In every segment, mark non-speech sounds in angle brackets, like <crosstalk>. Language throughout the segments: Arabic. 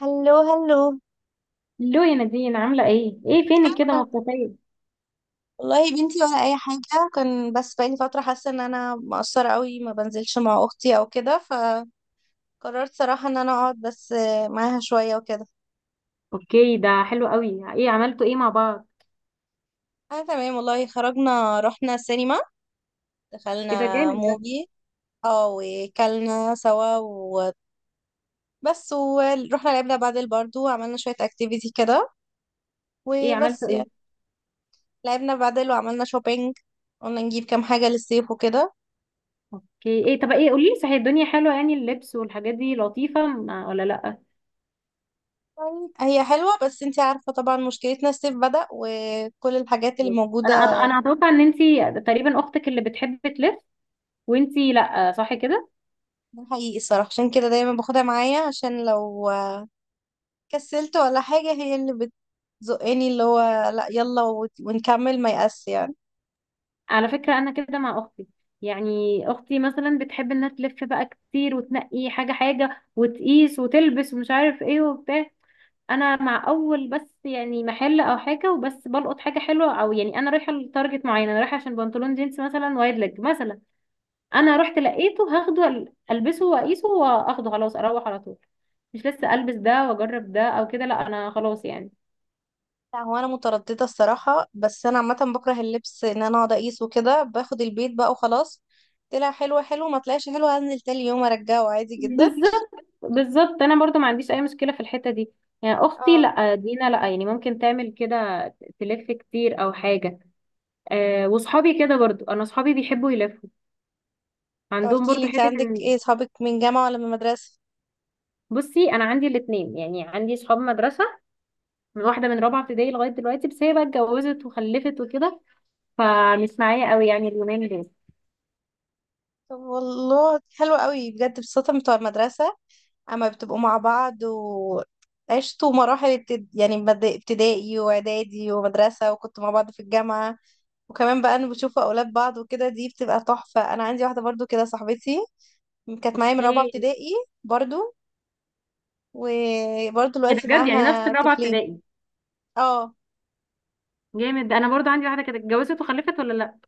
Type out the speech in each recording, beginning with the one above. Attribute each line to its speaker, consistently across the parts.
Speaker 1: هلو هلو.
Speaker 2: لو يا نادين، عاملة ايه؟ ايه فينك كده
Speaker 1: أنا
Speaker 2: مختفية؟
Speaker 1: والله يا بنتي ولا اي حاجه، كان بس بقالي فتره حاسه ان انا مقصره قوي، ما بنزلش مع اختي او كده فقررت صراحه ان انا اقعد بس معاها شويه وكده.
Speaker 2: اوكي، ده حلو قوي. ايه عملتوا ايه مع بعض؟
Speaker 1: انا تمام والله، خرجنا رحنا السينما،
Speaker 2: ايه ده
Speaker 1: دخلنا
Speaker 2: جامد ده.
Speaker 1: موفي. اه وكلنا سوا وبس، ورحنا لعبنا بادل برضو وعملنا شويه اكتيفيتي كده،
Speaker 2: ايه
Speaker 1: وبس
Speaker 2: عملتوا ايه؟
Speaker 1: يعني. لعبنا بادل وعملنا شوبينج، قلنا نجيب كام حاجه للصيف وكده.
Speaker 2: اوكي. ايه، طب ايه، قوليلي صحيح، الدنيا حلوة يعني اللبس والحاجات دي لطيفة ولا لأ؟
Speaker 1: هي حلوة بس انتي عارفة طبعا مشكلتنا الصيف بدأ وكل الحاجات اللي
Speaker 2: انا
Speaker 1: موجودة.
Speaker 2: انا اتوقع ان انتي تقريبا اختك اللي بتحب تلف، وانتي لأ، صح كده؟
Speaker 1: ده حقيقي الصراحة، عشان كده دايما باخدها معايا عشان لو كسلت ولا حاجة هي اللي بتزقني، اللي هو لا يلا ونكمل ما يأس يعني.
Speaker 2: على فكرة انا كده مع اختي. يعني اختي مثلا بتحب انها تلف بقى كتير وتنقي حاجة حاجة وتقيس وتلبس ومش عارف ايه وبتاع. انا مع اول بس، يعني محل او حاجه وبس بلقط حاجه حلوه، او يعني انا رايحه لتارجت معين، انا رايحه عشان بنطلون جينز مثلا، وايد ليج مثلا. انا رحت
Speaker 1: <laughs>
Speaker 2: لقيته هاخده، البسه واقيسه واخده خلاص اروح على طول. مش لسه البس ده واجرب ده او كده، لا انا خلاص يعني.
Speaker 1: لا هو انا مترددة الصراحة، بس انا عامة بكره اللبس ان انا اقعد اقيس وكده، باخد البيت بقى وخلاص. طلع حلو حلو، ما طلعش حلو هنزل تاني يوم ارجعه عادي جدا.
Speaker 2: بالظبط بالظبط، انا برضو ما عنديش اي مشكله في الحته دي. يعني اختي
Speaker 1: اه
Speaker 2: لا، دينا لا، يعني ممكن تعمل كده، تلف كتير او حاجه. أه وصحابي كده برضو، انا صحابي بيحبوا يلفوا،
Speaker 1: طب
Speaker 2: عندهم
Speaker 1: احكيلي
Speaker 2: برضو
Speaker 1: انت
Speaker 2: حته.
Speaker 1: عندك ايه صحابك، من جامعة ولا من مدرسة؟
Speaker 2: بصي انا عندي الاثنين، يعني عندي صحاب مدرسه من واحده من رابعه ابتدائي لغايه دلوقتي، بس هي بقى اتجوزت وخلفت وكده، فمش معايا قوي يعني اليومين دول.
Speaker 1: طب والله حلو قوي بجد، بصراحة بتوع المدرسة اما بتبقوا مع بعض وعشتوا مراحل يعني ابتدائي واعدادي ومدرسة، وكنتوا مع بعض في الجامعة، وكمان بقى انا بشوف اولاد بعض وكده، دي بتبقى تحفة. انا عندي واحدة برضو كده صاحبتي، كانت معايا من
Speaker 2: اوكي.
Speaker 1: رابعة
Speaker 2: ايه
Speaker 1: ابتدائي برضو، وبرضو
Speaker 2: ده
Speaker 1: دلوقتي
Speaker 2: بجد، يعني نفس
Speaker 1: معاها
Speaker 2: الرابعه
Speaker 1: طفلين.
Speaker 2: ابتدائي.
Speaker 1: اه
Speaker 2: جامد. انا برضو عندي واحده كانت اتجوزت وخلفت، ولا لا.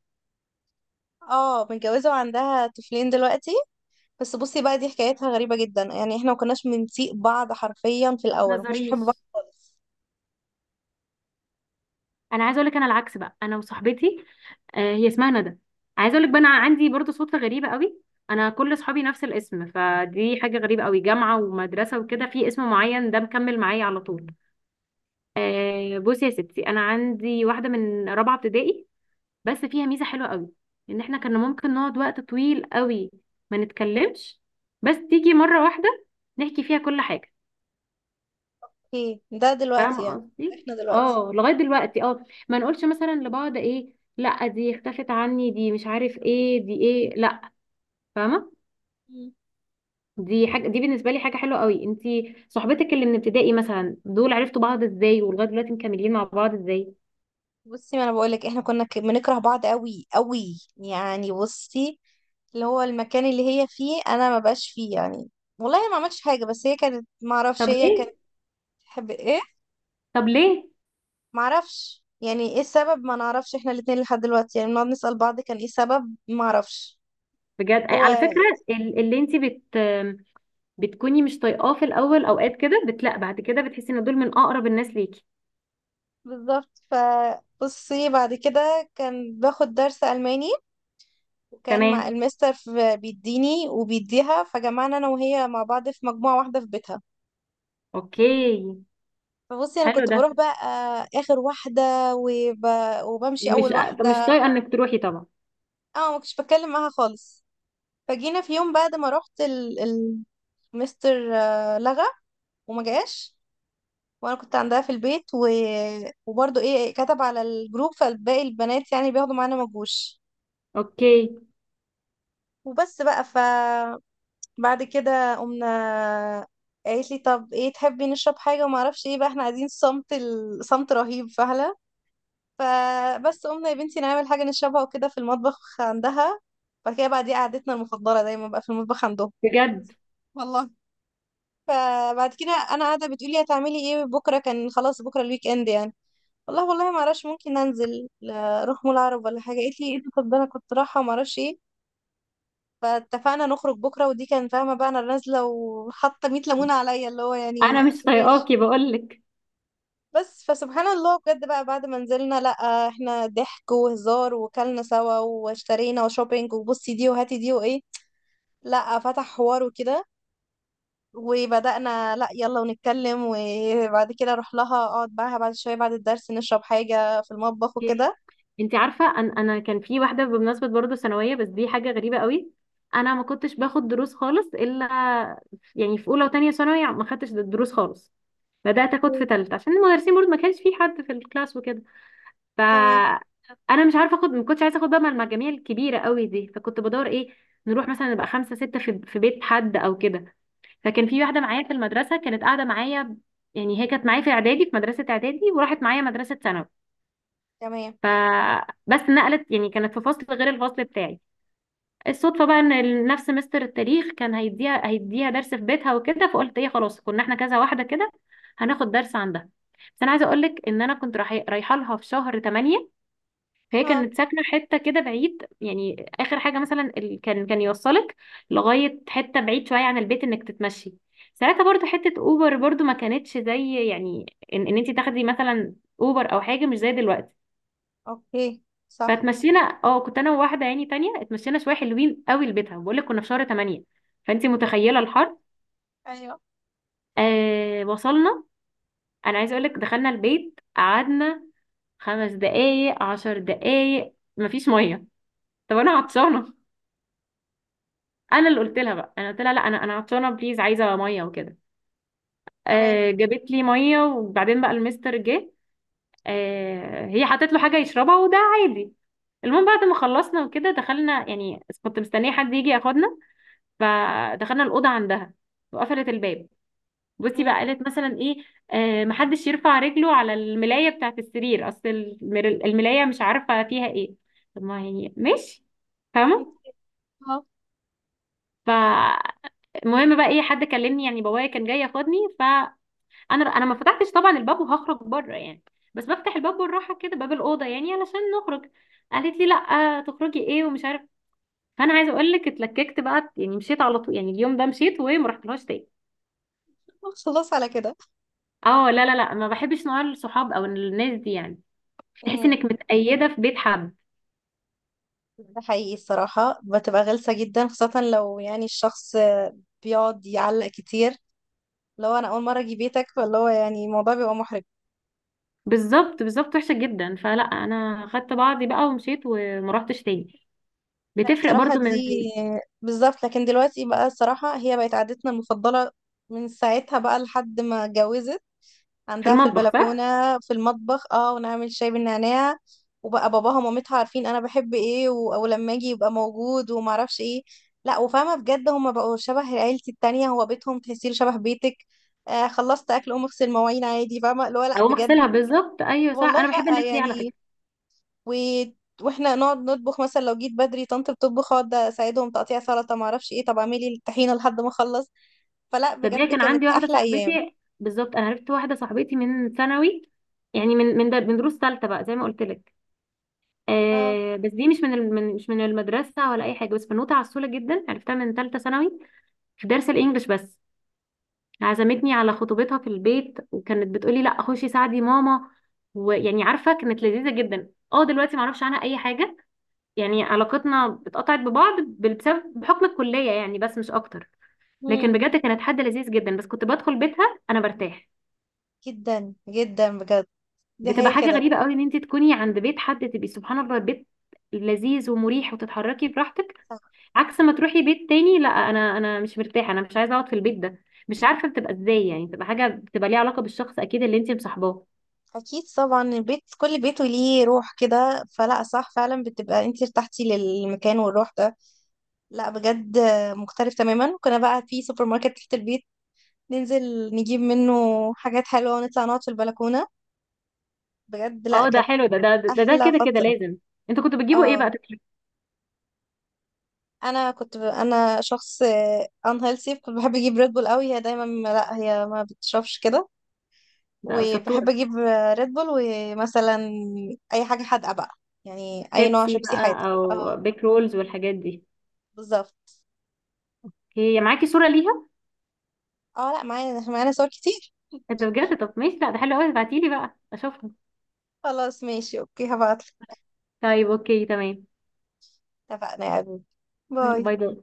Speaker 1: اه متجوزة وعندها طفلين دلوقتي. بس بصي بقى، دي حكايتها غريبة جدا، يعني احنا ما كناش بنسيق بعض حرفيا، في
Speaker 2: ما
Speaker 1: الاول ما كناش بنحب بعض
Speaker 2: تهزريش.
Speaker 1: خالص.
Speaker 2: انا عايزه اقول لك انا العكس بقى، انا وصاحبتي، آه هي اسمها ندى. عايزه اقول لك بقى انا عندي برضو صدفه غريبه قوي. انا كل صحابي نفس الاسم، فدي حاجه غريبه قوي، جامعه ومدرسه وكده، في اسم معين ده مكمل معايا على طول. آه بصي يا ستي، انا عندي واحده من رابعه ابتدائي، بس فيها ميزه حلوه قوي. ان احنا كنا ممكن نقعد وقت طويل قوي ما نتكلمش، بس تيجي مره واحده نحكي فيها كل حاجه.
Speaker 1: ايه ده دلوقتي
Speaker 2: فاهمه
Speaker 1: يعني؟
Speaker 2: قصدي.
Speaker 1: احنا دلوقتي؟
Speaker 2: اه لغايه دلوقتي، اه ما نقولش مثلا لبعض ايه، لا دي اختفت عني، دي مش عارف ايه، دي ايه، لا. فاهمه.
Speaker 1: مم.
Speaker 2: دي حاجه، دي بالنسبه لي حاجه حلوه قوي. انتي صحبتك اللي من ابتدائي مثلا، دول عرفتوا بعض ازاي، ولغايه دلوقتي مكملين مع بعض ازاي؟
Speaker 1: بصي، ما انا بقولك احنا كنا بنكره بعض قوي قوي، يعني بصي، اللي هو المكان اللي هي فيه انا ما بقاش فيه يعني، والله ما عملتش حاجه، بس هي كانت، ما اعرفش،
Speaker 2: طب
Speaker 1: هي كانت
Speaker 2: ليه؟
Speaker 1: تحب ايه،
Speaker 2: طب ليه؟
Speaker 1: ما اعرفش يعني ايه السبب، ما نعرفش احنا الاتنين لحد دلوقتي، يعني بنقعد نسال بعض كان ايه السبب، ما اعرفش.
Speaker 2: بجد
Speaker 1: هو
Speaker 2: على فكرة ال- اللي انت بت بتكوني مش طايقاه في الاول، اوقات كده بتلاقي بعد كده بتحسي ان دول من اقرب الناس ليكي.
Speaker 1: بالظبط ف بصي بعد كده كان باخد درس الماني، وكان مع
Speaker 2: تمام.
Speaker 1: المستر بيديني وبيديها، فجمعنا انا وهي مع بعض في مجموعة واحدة في بيتها.
Speaker 2: اوكي.
Speaker 1: فبصي انا
Speaker 2: حلو
Speaker 1: كنت
Speaker 2: ده.
Speaker 1: بروح بقى، اخر واحدة، وب... وبمشي
Speaker 2: مش
Speaker 1: اول
Speaker 2: مش
Speaker 1: واحدة.
Speaker 2: طايقة انك تروحي طبعا.
Speaker 1: اه ما كنتش بتكلم معاها خالص، فجينا في يوم بعد ما رحت مستر، لغى وما جاش، وانا كنت عندها في البيت وبرضه ايه كتب على الجروب، فالباقي البنات يعني بياخدوا معانا ما جوش.
Speaker 2: اوكي.
Speaker 1: وبس بقى ف بعد كده قمنا، قالت لي طب ايه تحبي نشرب حاجه وما اعرفش ايه، بقى احنا عايزين صمت، صمت رهيب فهلا. فبس قمنا يا بنتي نعمل حاجه نشربها وكده في المطبخ عندها، بعد كده بقى دي قعدتنا المفضله دايما بقى في المطبخ عندهم.
Speaker 2: بجد.
Speaker 1: والله. فبعد كده انا قاعده بتقولي هتعملي ايه بكره، كان خلاص بكره الويك اند يعني، والله والله ما اعرفش ممكن انزل، اروح مول عرب ولا حاجه. قالت لي ايه ده، طب ده انا كنت رايحه ما اعرفش ايه، فاتفقنا نخرج بكرة، ودي كان فاهمة بقى أنا نازلة وحاطة 100 ليمونة عليا، اللي هو
Speaker 2: انا
Speaker 1: يعني
Speaker 2: مش
Speaker 1: ماشي.
Speaker 2: طايقاكي بقول لك.
Speaker 1: بس فسبحان الله بجد بقى، بعد ما نزلنا لأ احنا ضحك وهزار وكلنا سوا واشترينا وشوبينج، وبصي دي وهاتي دي وإيه، لأ فتح حوار وكده، وبدأنا لأ يلا ونتكلم، وبعد كده أروح لها أقعد معاها بعد شوية بعد الدرس نشرب حاجة في المطبخ وكده.
Speaker 2: انت عارفة أن انا كان في واحدة بمناسبة برضه ثانوية، بس دي حاجة غريبة قوي. انا ما كنتش باخد دروس خالص، الا يعني في اولى وتانية ثانوي ما خدتش دروس خالص، بدأت اخد في
Speaker 1: اوكي.
Speaker 2: تالتة عشان المدرسين برضه ما كانش في حد في الكلاس وكده. ف
Speaker 1: تمام
Speaker 2: انا مش عارفه اخد، ما كنتش عايزه اخد بقى مع المجاميع الكبيره قوي دي، فكنت بدور ايه، نروح مثلا نبقى خمسه سته في بيت حد او كده. فكان في واحده معايا في المدرسه كانت قاعده معايا. يعني هي كانت معايا في اعدادي، في مدرسه اعدادي، وراحت معايا مدرسه ثانوي.
Speaker 1: تمام.
Speaker 2: فبس نقلت، يعني كانت في فصل غير الفصل بتاعي. الصدفه بقى ان نفس مستر التاريخ كان هيديها درس في بيتها وكده، فقلت ايه خلاص، كنا احنا كذا واحده كده هناخد درس عندها. بس انا عايزه اقول لك ان انا رايحه لها في شهر 8. فهي
Speaker 1: ها.
Speaker 2: كانت ساكنة حتة كده بعيد، يعني آخر حاجة مثلا كان يوصلك لغاية حتة بعيد شوية عن البيت إنك تتمشي. ساعتها برضو حتة أوبر برضو ما كانتش زي، يعني إن أنت تاخدي مثلا أوبر أو حاجة مش زي دلوقتي.
Speaker 1: أوكي. صح.
Speaker 2: فاتمشينا، اه كنت أنا وواحدة يعني تانية، اتمشينا شوية حلوين قوي لبيتها. بقول لك كنا في شهر 8 فأنت متخيلة الحر.
Speaker 1: أيوه.
Speaker 2: آه وصلنا. أنا عايزة أقول لك دخلنا البيت قعدنا خمس دقايق عشر دقايق مفيش مية. طب أنا عطشانة. انا اللي قلت لها بقى، انا قلت لها لا انا عطشانه بليز عايزه ميه وكده.
Speaker 1: تمام.
Speaker 2: آه جابت لي ميه، وبعدين بقى المستر جه. آه هي حطت له حاجه يشربها، وده عادي. المهم بعد ما خلصنا وكده دخلنا، يعني كنت مستنيه حد يجي ياخدنا. فدخلنا الاوضه عندها وقفلت الباب. بصي بقى
Speaker 1: <laughs>
Speaker 2: قالت مثلا ايه، آه محدش يرفع رجله على الملايه بتاعه السرير، اصل الملايه مش عارفه فيها ايه. طب ما يعني ماشي. فاهمه.
Speaker 1: مم.
Speaker 2: ف المهم بقى، ايه حد كلمني، يعني بابايا كان جاي ياخدني. فانا، انا ما فتحتش طبعا الباب وهخرج بره يعني، بس بفتح الباب بالراحه كده باب الاوضه يعني علشان نخرج. قالت لي لا تخرجي ايه ومش عارف. فانا عايزه اقول لك اتلككت بقى، يعني مشيت على طول، يعني اليوم ده مشيت وما رحتلهاش تاني.
Speaker 1: <laughs> خلاص على كده.
Speaker 2: اه لا لا لا، ما بحبش نوع الصحاب او الناس دي يعني، تحس
Speaker 1: امم
Speaker 2: انك متقيده في بيت حد.
Speaker 1: ده حقيقي الصراحة، بتبقى غلسة جدا، خاصة لو يعني الشخص بيقعد يعلق كتير، لو أنا أول مرة أجي بيتك، فاللي هو يعني الموضوع بيبقى محرج.
Speaker 2: بالظبط بالظبط وحشه جدا، فلا انا خدت بعضي بقى ومشيت وما رحتش تاني.
Speaker 1: لا
Speaker 2: بتفرق
Speaker 1: الصراحة
Speaker 2: برضو من.
Speaker 1: دي بالظبط. لكن دلوقتي بقى الصراحة هي بقت عادتنا المفضلة، من ساعتها بقى لحد ما اتجوزت،
Speaker 2: في
Speaker 1: عندها في
Speaker 2: المطبخ
Speaker 1: البلكونة،
Speaker 2: صح.
Speaker 1: في المطبخ اه، ونعمل شاي بالنعناع، وبقى باباها ومامتها عارفين انا بحب ايه او لما اجي يبقى موجود ومعرفش ايه. لا وفاهمة بجد، هما بقوا شبه عيلتي التانية، هو بيتهم تحسيه شبه بيتك. آه خلصت اكل قوم اغسل مواعين عادي، فاهمة اللي هو، لا
Speaker 2: اقوم
Speaker 1: بجد.
Speaker 2: اغسلها بالظبط ايوه صح،
Speaker 1: والله
Speaker 2: انا بحب
Speaker 1: لا
Speaker 2: الناس دي على
Speaker 1: يعني،
Speaker 2: فكره.
Speaker 1: و... واحنا نقعد نطبخ، مثلا لو جيت بدري طنط بتطبخ، اقعد اساعدهم تقطيع سلطة، معرفش ايه طب اعملي الطحينة لحد ما اخلص. فلا
Speaker 2: تصدقي
Speaker 1: بجد
Speaker 2: كان
Speaker 1: كانت
Speaker 2: عندي واحده
Speaker 1: احلى ايام.
Speaker 2: صاحبتي بالظبط، انا عرفت واحده صاحبتي من ثانوي، يعني من دروس ثالثه بقى زي ما قلت لك.
Speaker 1: اه.
Speaker 2: آه بس دي مش من المدرسه ولا اي حاجه، بس بنوته عسوله جدا، عرفتها من ثالثه ثانوي في درس الانجليش بس. عزمتني على خطوبتها في البيت، وكانت بتقولي لا خشي ساعدي ماما. ويعني عارفه كانت لذيذه جدا. اه دلوقتي معرفش عنها اي حاجه، يعني علاقتنا اتقطعت ببعض بسبب بحكم الكليه يعني، بس مش اكتر. لكن
Speaker 1: مم.
Speaker 2: بجد كانت حد لذيذ جدا، بس كنت بدخل بيتها انا برتاح.
Speaker 1: جدا جدا بجد، دي
Speaker 2: بتبقى
Speaker 1: هي
Speaker 2: حاجه
Speaker 1: كده.
Speaker 2: غريبه قوي ان انت تكوني عند بيت حد، تبقي سبحان الله بيت لذيذ ومريح وتتحركي براحتك.
Speaker 1: صح.
Speaker 2: عكس ما تروحي بيت تاني، لا انا، انا مش مرتاحه، انا مش عايزه اقعد في البيت ده، مش عارفه بتبقى ازاي. يعني بتبقى حاجه بتبقى ليها علاقه بالشخص اكيد اللي انت مصاحباه.
Speaker 1: اكيد طبعا، البيت كل بيت وليه روح كده، فلا صح فعلا، بتبقى انت ارتحتي للمكان والروح ده. لا بجد مختلف تماما. كنا بقى في سوبر ماركت تحت البيت، ننزل نجيب منه حاجات حلوة ونطلع نقعد في البلكونة. بجد لا
Speaker 2: اه ده
Speaker 1: كانت
Speaker 2: حلو ده,
Speaker 1: احلى
Speaker 2: كده كده
Speaker 1: فترة.
Speaker 2: لازم. انتوا كنتوا بتجيبوا ايه
Speaker 1: اه
Speaker 2: بقى تاكلوا؟
Speaker 1: انا كنت انا شخص ان هيلثي، كنت بحب اجيب ريد بول قوي، هي دايما لا هي ما بتشربش كده.
Speaker 2: ده
Speaker 1: وبحب
Speaker 2: شطوره.
Speaker 1: اجيب ريد بول، ومثلا اي حاجه حادقه بقى، يعني اي نوع
Speaker 2: شيبسي
Speaker 1: شيبسي حادق.
Speaker 2: بقى او
Speaker 1: اه
Speaker 2: بيك رولز والحاجات دي.
Speaker 1: بالظبط.
Speaker 2: هي معاكي صوره ليها؟
Speaker 1: اه لا معانا معانا صور كتير.
Speaker 2: انت بجد؟ طب ماشي، لا ده حلو قوي، ابعتيلي بقى اشوفها.
Speaker 1: خلاص ماشي اوكي، هبعتلك.
Speaker 2: طيب اوكي تمام.
Speaker 1: اتفقنا يا حبيبي. باي.
Speaker 2: باي باي.